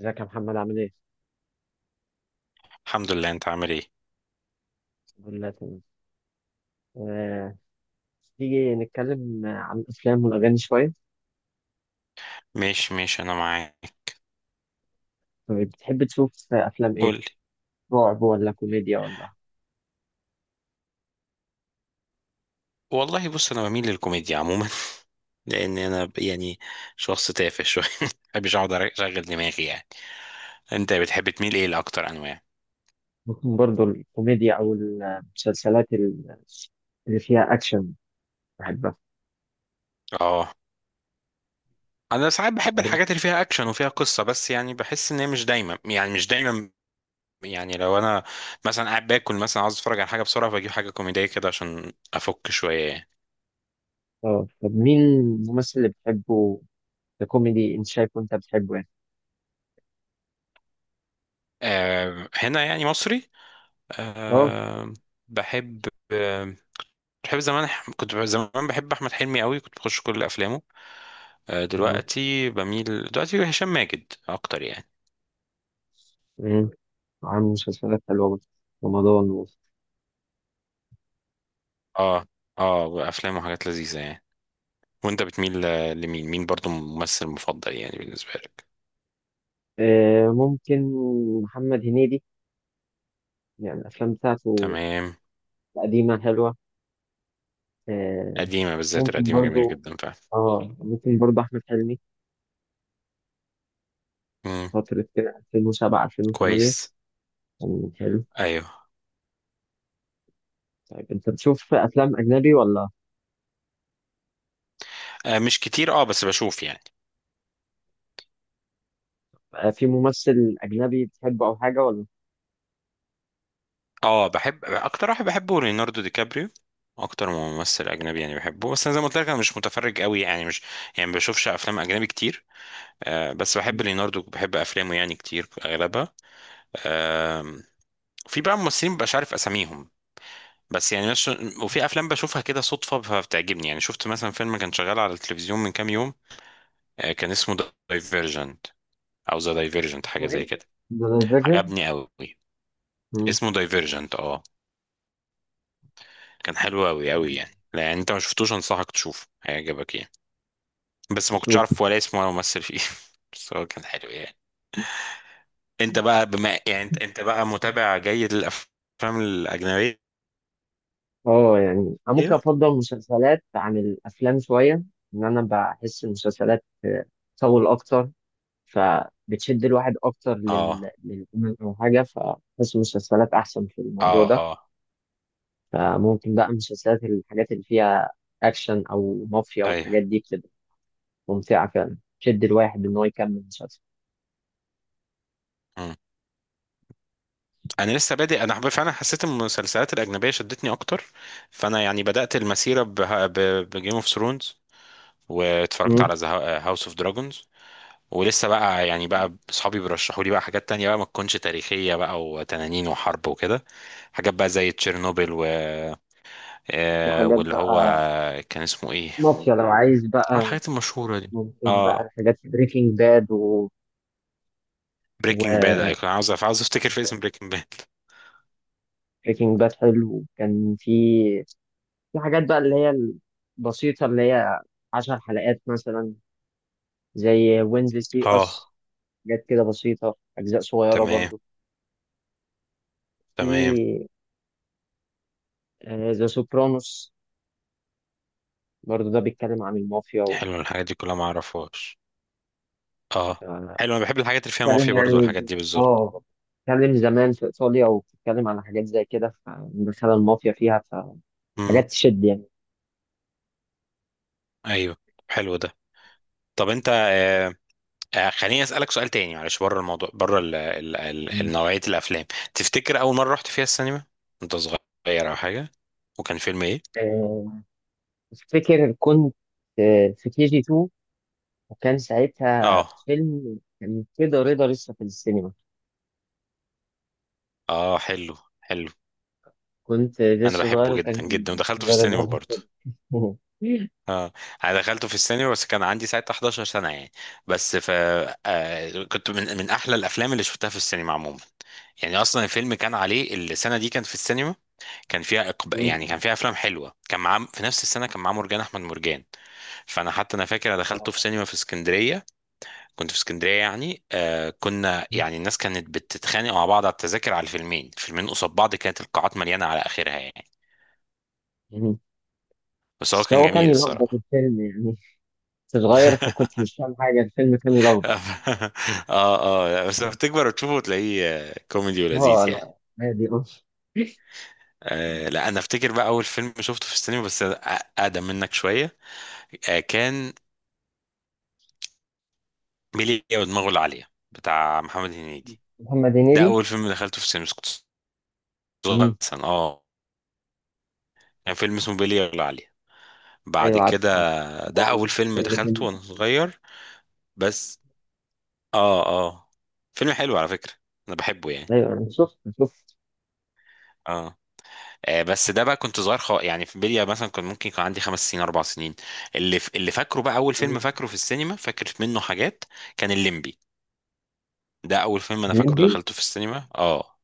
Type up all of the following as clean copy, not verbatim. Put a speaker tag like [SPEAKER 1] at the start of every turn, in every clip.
[SPEAKER 1] ازيك يا محمد عامل ايه؟
[SPEAKER 2] الحمد لله. انت عامل ايه؟
[SPEAKER 1] الحمد لله تمام. آه، تيجي نتكلم عن الأفلام والأغاني شوية.
[SPEAKER 2] ماشي ماشي، انا معاك.
[SPEAKER 1] طيب بتحب تشوف أفلام ايه؟
[SPEAKER 2] قول لي.
[SPEAKER 1] رعب ولا كوميديا ولا؟
[SPEAKER 2] والله بص، انا بميل للكوميديا عموما لان انا يعني شخص تافه شويه. ما بحبش اقعد اشغل دماغي يعني. انت بتحب تميل ايه لاكتر انواع؟
[SPEAKER 1] ممكن برضه الكوميديا أو اللي فيها أكشن بحبها.
[SPEAKER 2] اه، انا ساعات بحب
[SPEAKER 1] طب-
[SPEAKER 2] الحاجات اللي فيها اكشن وفيها قصه، بس يعني بحس ان هي مش دايما، يعني مش دايما. يعني لو انا مثلا قاعد باكل مثلا، عاوز اتفرج على حاجه بسرعه، فاجيب حاجه كوميديه كده عشان افك شويه يعني.
[SPEAKER 1] اه، طب مين الممثل اللي بتحبه ككوميدي، أنت شايفه أنت بتحبه يعني؟
[SPEAKER 2] أه، هنا يعني مصري.
[SPEAKER 1] اه
[SPEAKER 2] أه، بحب بحب زمان، كنت زمان بحب احمد حلمي قوي، كنت بخش كل افلامه.
[SPEAKER 1] اه.
[SPEAKER 2] دلوقتي هشام ماجد اكتر يعني.
[SPEAKER 1] مم، عامل مسلسلات حلوة برضه. رمضان
[SPEAKER 2] اه اه، افلامه حاجات لذيذه يعني. وانت بتميل لمين، مين برضو ممثل مفضل يعني بالنسبه لك؟
[SPEAKER 1] ممكن محمد هنيدي، يعني الأفلام بتاعته
[SPEAKER 2] تمام.
[SPEAKER 1] القديمة حلوة. آه،
[SPEAKER 2] قديمه بالذات،
[SPEAKER 1] ممكن
[SPEAKER 2] القديمه جميله
[SPEAKER 1] برضو،
[SPEAKER 2] جدا فعلا.
[SPEAKER 1] اه ممكن برضو احمد حلمي
[SPEAKER 2] امم
[SPEAKER 1] فترة كده 2007 2008
[SPEAKER 2] كويس.
[SPEAKER 1] كان حلو.
[SPEAKER 2] ايوه.
[SPEAKER 1] طيب انت بتشوف افلام اجنبي ولا؟
[SPEAKER 2] آه مش كتير، اه بس بشوف يعني.
[SPEAKER 1] في ممثل اجنبي بتحبه او حاجة ولا؟
[SPEAKER 2] اه، بحب، اكتر واحد بحبه ليوناردو دي كابريو، اكتر ممثل اجنبي يعني بحبه، بس انا زي ما قلت لك انا مش متفرج قوي، يعني مش، يعني ما بشوفش افلام اجنبي كتير. آه، بس بحب ليوناردو وبحب افلامه يعني كتير اغلبها. آم، في بقى ممثلين مبقاش عارف اساميهم، بس يعني مش... وفي افلام بشوفها كده صدفه فبتعجبني يعني. شفت مثلا فيلم كان شغال على التلفزيون من كام يوم، كان اسمه دايفيرجنت، او ذا دايفيرجنت حاجه
[SPEAKER 1] هو
[SPEAKER 2] زي
[SPEAKER 1] إيه؟
[SPEAKER 2] كده.
[SPEAKER 1] ذا ديفيجن؟
[SPEAKER 2] عجبني قوي، اسمه دايفيرجنت اه. كان حلو قوي قوي يعني، لا يعني انت ما شفتوش، انصحك تشوفه، هيعجبك يعني. بس ما كنتش
[SPEAKER 1] اشوف.
[SPEAKER 2] عارف ولا اسمه ولا ممثل فيه. بس هو كان حلو يعني. انت بقى بما يعني انت بقى متابع جيد للافلام الاجنبيه؟
[SPEAKER 1] اه يعني انا ممكن
[SPEAKER 2] ايه.
[SPEAKER 1] افضل المسلسلات عن الافلام شوية، ان انا بحس المسلسلات تطول اكتر، فبتشد الواحد اكتر
[SPEAKER 2] اه
[SPEAKER 1] او حاجة، فبحس المسلسلات احسن في الموضوع
[SPEAKER 2] اه
[SPEAKER 1] ده.
[SPEAKER 2] اه.
[SPEAKER 1] فممكن بقى مسلسلات الحاجات اللي فيها أكشن أو مافيا
[SPEAKER 2] ايوه.
[SPEAKER 1] والحاجات دي بتبقى ممتعة فعلا، تشد الواحد إن هو يكمل مسلسل.
[SPEAKER 2] مم. انا لسه بادئ، فعلا حسيت ان المسلسلات الاجنبيه شدتني اكتر، فانا يعني بدات المسيره بجيم اوف ثرونز، واتفرجت
[SPEAKER 1] مم.
[SPEAKER 2] على هاوس اوف دراجونز. ولسه بقى يعني، بقى اصحابي بيرشحوا لي بقى حاجات تانية بقى، ما تكونش تاريخيه بقى وتنانين وحرب وكده، حاجات بقى زي تشيرنوبل و
[SPEAKER 1] في حاجات
[SPEAKER 2] واللي هو
[SPEAKER 1] بقى
[SPEAKER 2] كان اسمه ايه.
[SPEAKER 1] مافيا لو عايز
[SPEAKER 2] اه،
[SPEAKER 1] بقى،
[SPEAKER 2] الحاجات المشهوره دي.
[SPEAKER 1] ممكن بقى
[SPEAKER 2] اه،
[SPEAKER 1] الحاجات بريكنج باد و، و
[SPEAKER 2] بريكنج باد. ايوه، عاوز افتكر في اسم بريكنج باد.
[SPEAKER 1] بريكنج باد حلو كان في، في حاجات بقى اللي هي البسيطة اللي هي عشر حلقات مثلا زي وينزلي سي أس،
[SPEAKER 2] اه،
[SPEAKER 1] حاجات كده بسيطة أجزاء صغيرة
[SPEAKER 2] تمام
[SPEAKER 1] برضو.
[SPEAKER 2] تمام.
[SPEAKER 1] في ذا سوبرانوس برضه، ده بيتكلم عن المافيا
[SPEAKER 2] حلو، الحاجات دي كلها ما اعرفهاش.
[SPEAKER 1] ف-
[SPEAKER 2] اه، حلو. انا بحب الحاجات اللي فيها
[SPEAKER 1] بيتكلم
[SPEAKER 2] مافيا برضو،
[SPEAKER 1] يعني،
[SPEAKER 2] والحاجات دي بالظبط.
[SPEAKER 1] اه بيتكلم زمان في إيطاليا وبتتكلم عن حاجات زي كده، فدخل المافيا فيها
[SPEAKER 2] امم
[SPEAKER 1] فحاجات تشد يعني.
[SPEAKER 2] ايوه، حلو ده. طب انت، خليني اسالك سؤال تاني معلش، بره الموضوع، بره
[SPEAKER 1] ماشي.
[SPEAKER 2] نوعيه الافلام. تفتكر اول مره رحت فيها السينما انت صغير او حاجه، وكان فيلم ايه؟
[SPEAKER 1] آه، أفتكر كنت، في كي جي 2، وكان ساعتها
[SPEAKER 2] اه
[SPEAKER 1] فيلم كان كده رضا لسه في السينما.
[SPEAKER 2] اه، حلو حلو.
[SPEAKER 1] كنت
[SPEAKER 2] انا
[SPEAKER 1] لسه صغير
[SPEAKER 2] بحبه
[SPEAKER 1] وكان
[SPEAKER 2] جدا جدا، ودخلته في
[SPEAKER 1] كده رضا
[SPEAKER 2] السينما برضو.
[SPEAKER 1] لسه في
[SPEAKER 2] اه، انا دخلته في السينما بس كان عندي ساعتها 11 سنة يعني. بس ف آه، كنت من احلى الافلام اللي شفتها في السينما عموما، يعني اصلا الفيلم كان عليه السنة دي كان في السينما، كان فيها
[SPEAKER 1] السينما.
[SPEAKER 2] يعني كان فيها افلام حلوه، كان معاه في نفس السنه كان معاه مرجان احمد مرجان. فانا حتى انا فاكر انا دخلته في
[SPEAKER 1] آه.
[SPEAKER 2] سينما في اسكندريه، كنت في اسكندريه يعني. كنا يعني الناس كانت بتتخانق مع بعض على التذاكر، على الفيلمين، قصاد بعض، كانت القاعات مليانه على اخرها يعني، بس هو
[SPEAKER 1] بس
[SPEAKER 2] كان
[SPEAKER 1] هو كان
[SPEAKER 2] جميل
[SPEAKER 1] يلخبط
[SPEAKER 2] الصراحه.
[SPEAKER 1] الفيلم يعني، كنت صغير فكنت مش فاهم حاجة، الفيلم كان يلخبط.
[SPEAKER 2] اه اه. لا، بس لما تكبر وتشوفه تلاقيه كوميدي
[SPEAKER 1] اه
[SPEAKER 2] ولذيذ يعني.
[SPEAKER 1] لا، عادي اه.
[SPEAKER 2] آه لا، انا افتكر بقى اول فيلم شفته في السينما، بس اقدم منك شويه. كان ميليا ودماغه العاليه بتاع محمد هنيدي.
[SPEAKER 1] محمد
[SPEAKER 2] ده
[SPEAKER 1] هنيدي.
[SPEAKER 2] اول فيلم دخلته في السينما بس كنت صغير
[SPEAKER 1] مم.
[SPEAKER 2] مثلا اه. كان فيلم اسمه ميليا العاليه. بعد
[SPEAKER 1] ايوه عارف
[SPEAKER 2] كده،
[SPEAKER 1] عارف.
[SPEAKER 2] ده
[SPEAKER 1] هو
[SPEAKER 2] اول فيلم
[SPEAKER 1] كان
[SPEAKER 2] دخلته
[SPEAKER 1] الاتنين-
[SPEAKER 2] وانا صغير بس. اه اه، فيلم حلو على فكره، انا بحبه يعني.
[SPEAKER 1] ايوه انا شفت شفت.
[SPEAKER 2] اه، بس ده بقى كنت صغير يعني في بلية مثلا، كان ممكن يكون عندي 5 سنين 4 سنين. اللي فاكره بقى اول فيلم
[SPEAKER 1] مم.
[SPEAKER 2] فاكره في السينما، فاكر منه حاجات، كان الليمبي. ده اول فيلم انا فاكره
[SPEAKER 1] الليمبي.
[SPEAKER 2] دخلته في السينما اه.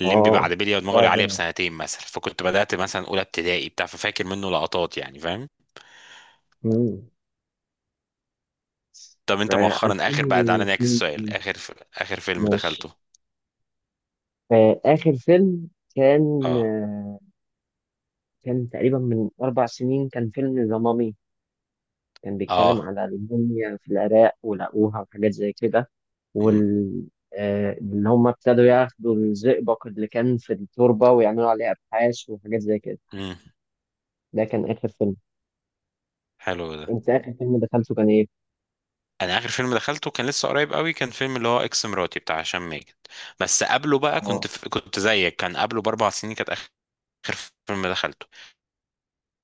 [SPEAKER 2] الليمبي
[SPEAKER 1] اه
[SPEAKER 2] بعد بلية
[SPEAKER 1] ده
[SPEAKER 2] ودماغي
[SPEAKER 1] ده
[SPEAKER 2] عليا بسنتين مثلا، فكنت بدأت مثلا اولى ابتدائي بتاع، ففاكر منه لقطات يعني فاهم.
[SPEAKER 1] مم.
[SPEAKER 2] طب انت
[SPEAKER 1] يعني
[SPEAKER 2] مؤخرا، اخر بقى، تعالى نعكس
[SPEAKER 1] 2002.
[SPEAKER 2] السؤال، اخر اخر فيلم
[SPEAKER 1] ماشي.
[SPEAKER 2] دخلته.
[SPEAKER 1] آخر فيلم كان
[SPEAKER 2] اه
[SPEAKER 1] آه، كان تقريبا من أربع سنين، كان فيلم ذا مامي. كان بيتكلم
[SPEAKER 2] اه،
[SPEAKER 1] على الموميا في العراق ولقوها وحاجات زي كده،
[SPEAKER 2] امم
[SPEAKER 1] وال إن هم ابتدوا ياخدوا الزئبق اللي كان في التربة ويعملوا عليه أبحاث وحاجات زي كده.
[SPEAKER 2] امم
[SPEAKER 1] ده كان آخر فيلم.
[SPEAKER 2] حلو ده.
[SPEAKER 1] أنت آخر فيلم دخلته كان إيه؟
[SPEAKER 2] انا اخر فيلم دخلته كان لسه قريب قوي، كان فيلم اللي هو اكس مراتي بتاع هشام ماجد، بس قبله بقى
[SPEAKER 1] آه.
[SPEAKER 2] كنت زيك، كان قبله ب4 سنين كانت اخر فيلم دخلته.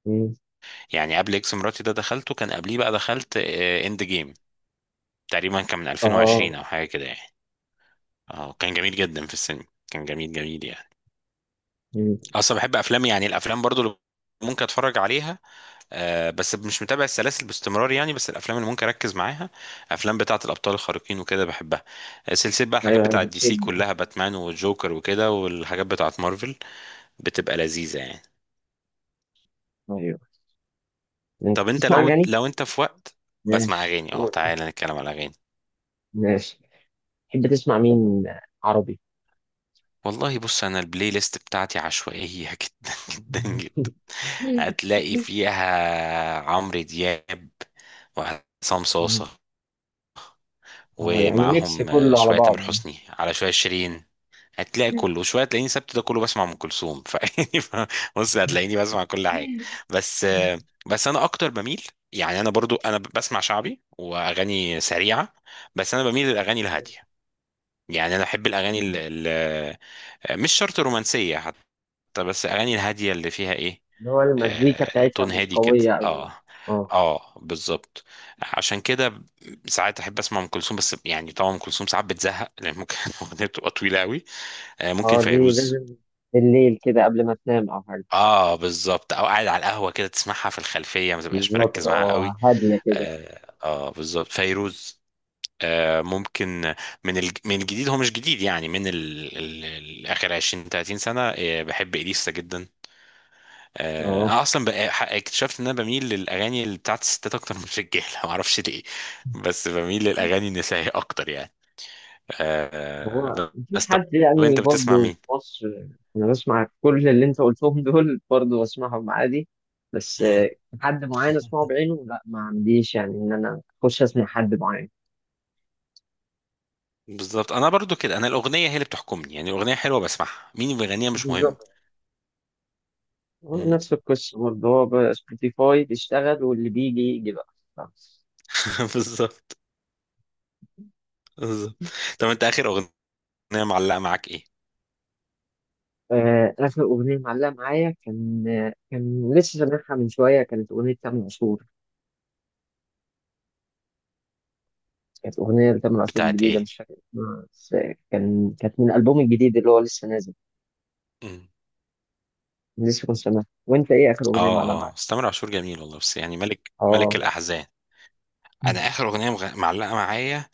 [SPEAKER 1] مم.
[SPEAKER 2] يعني قبل اكس مراتي ده، دخلته كان قبليه بقى، دخلت اند جيم تقريبا كان من 2020
[SPEAKER 1] آه.
[SPEAKER 2] او حاجه كده يعني. اه كان جميل جدا في السينما، كان جميل جميل يعني.
[SPEAKER 1] مم.
[SPEAKER 2] اصلا بحب افلام، يعني الافلام برضو اللي ممكن اتفرج عليها. بس مش متابع السلاسل باستمرار يعني، بس الافلام اللي ممكن اركز معاها افلام بتاعه الابطال الخارقين وكده بحبها. سلسله بقى الحاجات
[SPEAKER 1] أيوه أيوه
[SPEAKER 2] بتاعه DC
[SPEAKER 1] بتشد.
[SPEAKER 2] كلها، باتمان والجوكر وكده، والحاجات بتاعه مارفل بتبقى لذيذه يعني.
[SPEAKER 1] أيوه. أنت
[SPEAKER 2] طب انت
[SPEAKER 1] بتسمع
[SPEAKER 2] لو،
[SPEAKER 1] أغاني؟
[SPEAKER 2] انت في وقت بسمع
[SPEAKER 1] ماشي
[SPEAKER 2] اغاني، اه
[SPEAKER 1] قول.
[SPEAKER 2] تعالى نتكلم على اغاني.
[SPEAKER 1] ماشي، تحب تسمع مين عربي؟
[SPEAKER 2] والله بص، انا البلاي ليست بتاعتي عشوائيه جدا جدا جدا. هتلاقي فيها عمرو دياب وعصام
[SPEAKER 1] مم.
[SPEAKER 2] صاصه،
[SPEAKER 1] آه يعني ميكس
[SPEAKER 2] ومعاهم
[SPEAKER 1] كله على
[SPEAKER 2] شويه تامر
[SPEAKER 1] بعضه.
[SPEAKER 2] حسني على شويه شيرين. هتلاقي كله، وشويه تلاقيني سبت ده كله بسمع ام كلثوم فيعني بص هتلاقيني بسمع كل حاجه. بس بس انا اكتر بميل، يعني انا برضو انا بسمع شعبي واغاني سريعه، بس انا بميل للاغاني الهاديه، يعني انا بحب الاغاني ال ال مش شرط رومانسيه حتى، بس الاغاني الهاديه اللي فيها ايه،
[SPEAKER 1] اللي هو المزيكا بتاعتها
[SPEAKER 2] تون
[SPEAKER 1] مش
[SPEAKER 2] هادي كده
[SPEAKER 1] قوية أوي.
[SPEAKER 2] اه.
[SPEAKER 1] اه.
[SPEAKER 2] اه بالظبط. عشان كده ساعات احب اسمع ام كلثوم، بس يعني طبعا ام كلثوم ساعات بتزهق لان ممكن الاغنيه بتبقى طويله قوي. ممكن
[SPEAKER 1] اه دي
[SPEAKER 2] فيروز.
[SPEAKER 1] لازم بالليل كده قبل ما تنام أو حاجة.
[SPEAKER 2] اه بالظبط، او قاعد على القهوه كده تسمعها في الخلفيه ما تبقاش
[SPEAKER 1] بالظبط،
[SPEAKER 2] مركز معاها
[SPEAKER 1] اه
[SPEAKER 2] قوي.
[SPEAKER 1] هادية كده.
[SPEAKER 2] اه, بالظبط فيروز. ممكن. من الجديد، هو مش جديد يعني، من اخر 20 30 سنه. بحب اليسا جدا.
[SPEAKER 1] اه.
[SPEAKER 2] انا اصلا اكتشفت ان انا بميل للاغاني اللي بتاعت الستات اكتر من الرجاله ما اعرفش ليه. بس بميل للاغاني النسائيه اكتر يعني.
[SPEAKER 1] هو مفيش
[SPEAKER 2] بس طب
[SPEAKER 1] حد يعني
[SPEAKER 2] انت بتسمع
[SPEAKER 1] برضه
[SPEAKER 2] مين؟
[SPEAKER 1] في مصر؟ أنا بسمع كل اللي أنت قلتهم، دول برضه بسمعهم عادي. بس حد معين أسمعه بعينه لا ما عنديش، يعني إن أنا أخش أسمع حد معين.
[SPEAKER 2] بالظبط، انا برضو كده، انا الاغنيه هي اللي بتحكمني، يعني الاغنيه حلوه بسمعها، مين اللي بيغنيها مش مهم.
[SPEAKER 1] بالظبط. هو
[SPEAKER 2] مم.
[SPEAKER 1] نفس القصة برضه، هو بقى سبوتيفاي بيشتغل واللي بيجي يجي
[SPEAKER 2] بالظبط
[SPEAKER 1] بقى.
[SPEAKER 2] بالظبط. طب انت اخر اغنيه معلقه معاك ايه؟
[SPEAKER 1] آخر أغنية معلقة معايا كان، كان لسه سامعها من شوية، كانت أغنية تامر عاشور. كانت أغنية لتامر عاشور
[SPEAKER 2] بتاعت
[SPEAKER 1] جديدة
[SPEAKER 2] ايه؟
[SPEAKER 1] مش فاكر اسمها، بس كان كانت من الألبوم الجديد اللي هو لسه نازل.
[SPEAKER 2] مم.
[SPEAKER 1] لسه كنت سامعها. وأنت إيه آخر أغنية
[SPEAKER 2] اه
[SPEAKER 1] معلقة
[SPEAKER 2] اه،
[SPEAKER 1] معاك؟
[SPEAKER 2] بس تامر عاشور جميل والله، بس يعني ملك
[SPEAKER 1] آه.
[SPEAKER 2] الاحزان. انا اخر اغنيه معلقه معايا،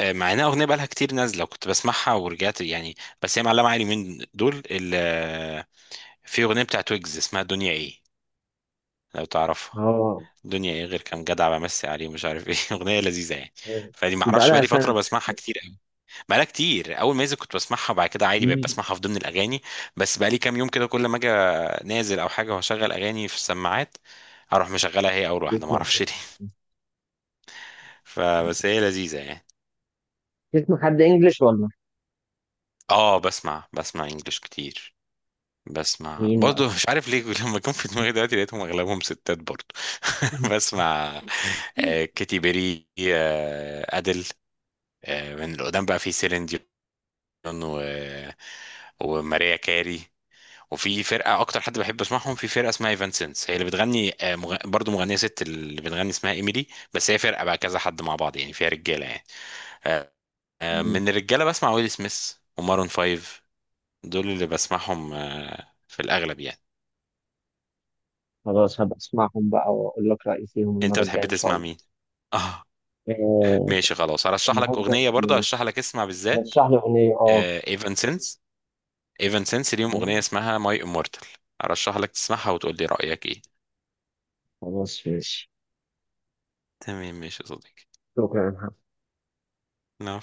[SPEAKER 2] مع انها اغنيه بقالها كتير نازله وكنت بسمعها ورجعت يعني، بس هي معلقه معايا اليومين دول في اغنيه بتاعت ويجز اسمها دنيا ايه، لو تعرفها.
[SPEAKER 1] آه.
[SPEAKER 2] دنيا ايه غير كام جدع بمسي عليه ومش عارف ايه. اغنيه لذيذه يعني،
[SPEAKER 1] آه،
[SPEAKER 2] فدي ما
[SPEAKER 1] يبقى
[SPEAKER 2] اعرفش
[SPEAKER 1] لها
[SPEAKER 2] بقالي فتره
[SPEAKER 1] سنة.
[SPEAKER 2] بسمعها كتير قوي. بقالها كتير، اول ما نزل كنت بسمعها، وبعد كده عادي بقيت
[SPEAKER 1] مم.
[SPEAKER 2] بسمعها في ضمن الاغاني. بس بقالي كام يوم كده كل ما اجي نازل او حاجه واشغل اغاني في السماعات، اروح مشغلها هي اول واحده، ما
[SPEAKER 1] بتسمع.
[SPEAKER 2] اعرفش ليه. فبس هي لذيذه يعني.
[SPEAKER 1] بتسمع حد إنجلش ولا؟
[SPEAKER 2] اه بسمع انجلش كتير. بسمع
[SPEAKER 1] مين بقى؟
[SPEAKER 2] برضه مش عارف ليه لما كان في دماغي دلوقتي لقيتهم اغلبهم ستات برضه. بسمع كيتي بيري، ادل، من اللي قدام بقى في سيلين ديون و... وماريا كاري. وفي فرقة أكتر حد بحب أسمعهم، في فرقة اسمها ايفانسنس هي اللي بتغني، برضو مغنية ست اللي بتغني اسمها إيميلي. بس هي فرقة بقى كذا حد مع بعض يعني فيها رجالة يعني. آه،
[SPEAKER 1] مم.
[SPEAKER 2] من الرجالة بسمع ويل سميث ومارون فايف. دول اللي بسمعهم في الأغلب يعني.
[SPEAKER 1] خلاص هبقى أسمعهم بقى وأقول لك رأيي فيهم
[SPEAKER 2] أنت
[SPEAKER 1] المرة الجاية
[SPEAKER 2] بتحب
[SPEAKER 1] إن شاء
[SPEAKER 2] تسمع
[SPEAKER 1] الله.
[SPEAKER 2] مين؟ آه
[SPEAKER 1] آه،
[SPEAKER 2] ماشي خلاص، هرشح لك
[SPEAKER 1] النهارده
[SPEAKER 2] أغنية برضو، هرشح
[SPEAKER 1] ماشي،
[SPEAKER 2] لك اسمع بالذات
[SPEAKER 1] رشح لي أغنية أه.
[SPEAKER 2] ايفانسنس. ايفن سينس ليهم اغنيه
[SPEAKER 1] تمام،
[SPEAKER 2] اسمها ماي امورتال، ارشح لك تسمعها وتقول لي رايك ايه.
[SPEAKER 1] خلاص ماشي.
[SPEAKER 2] تمام ماشي يا صديقي.
[SPEAKER 1] شكرا.
[SPEAKER 2] نعم.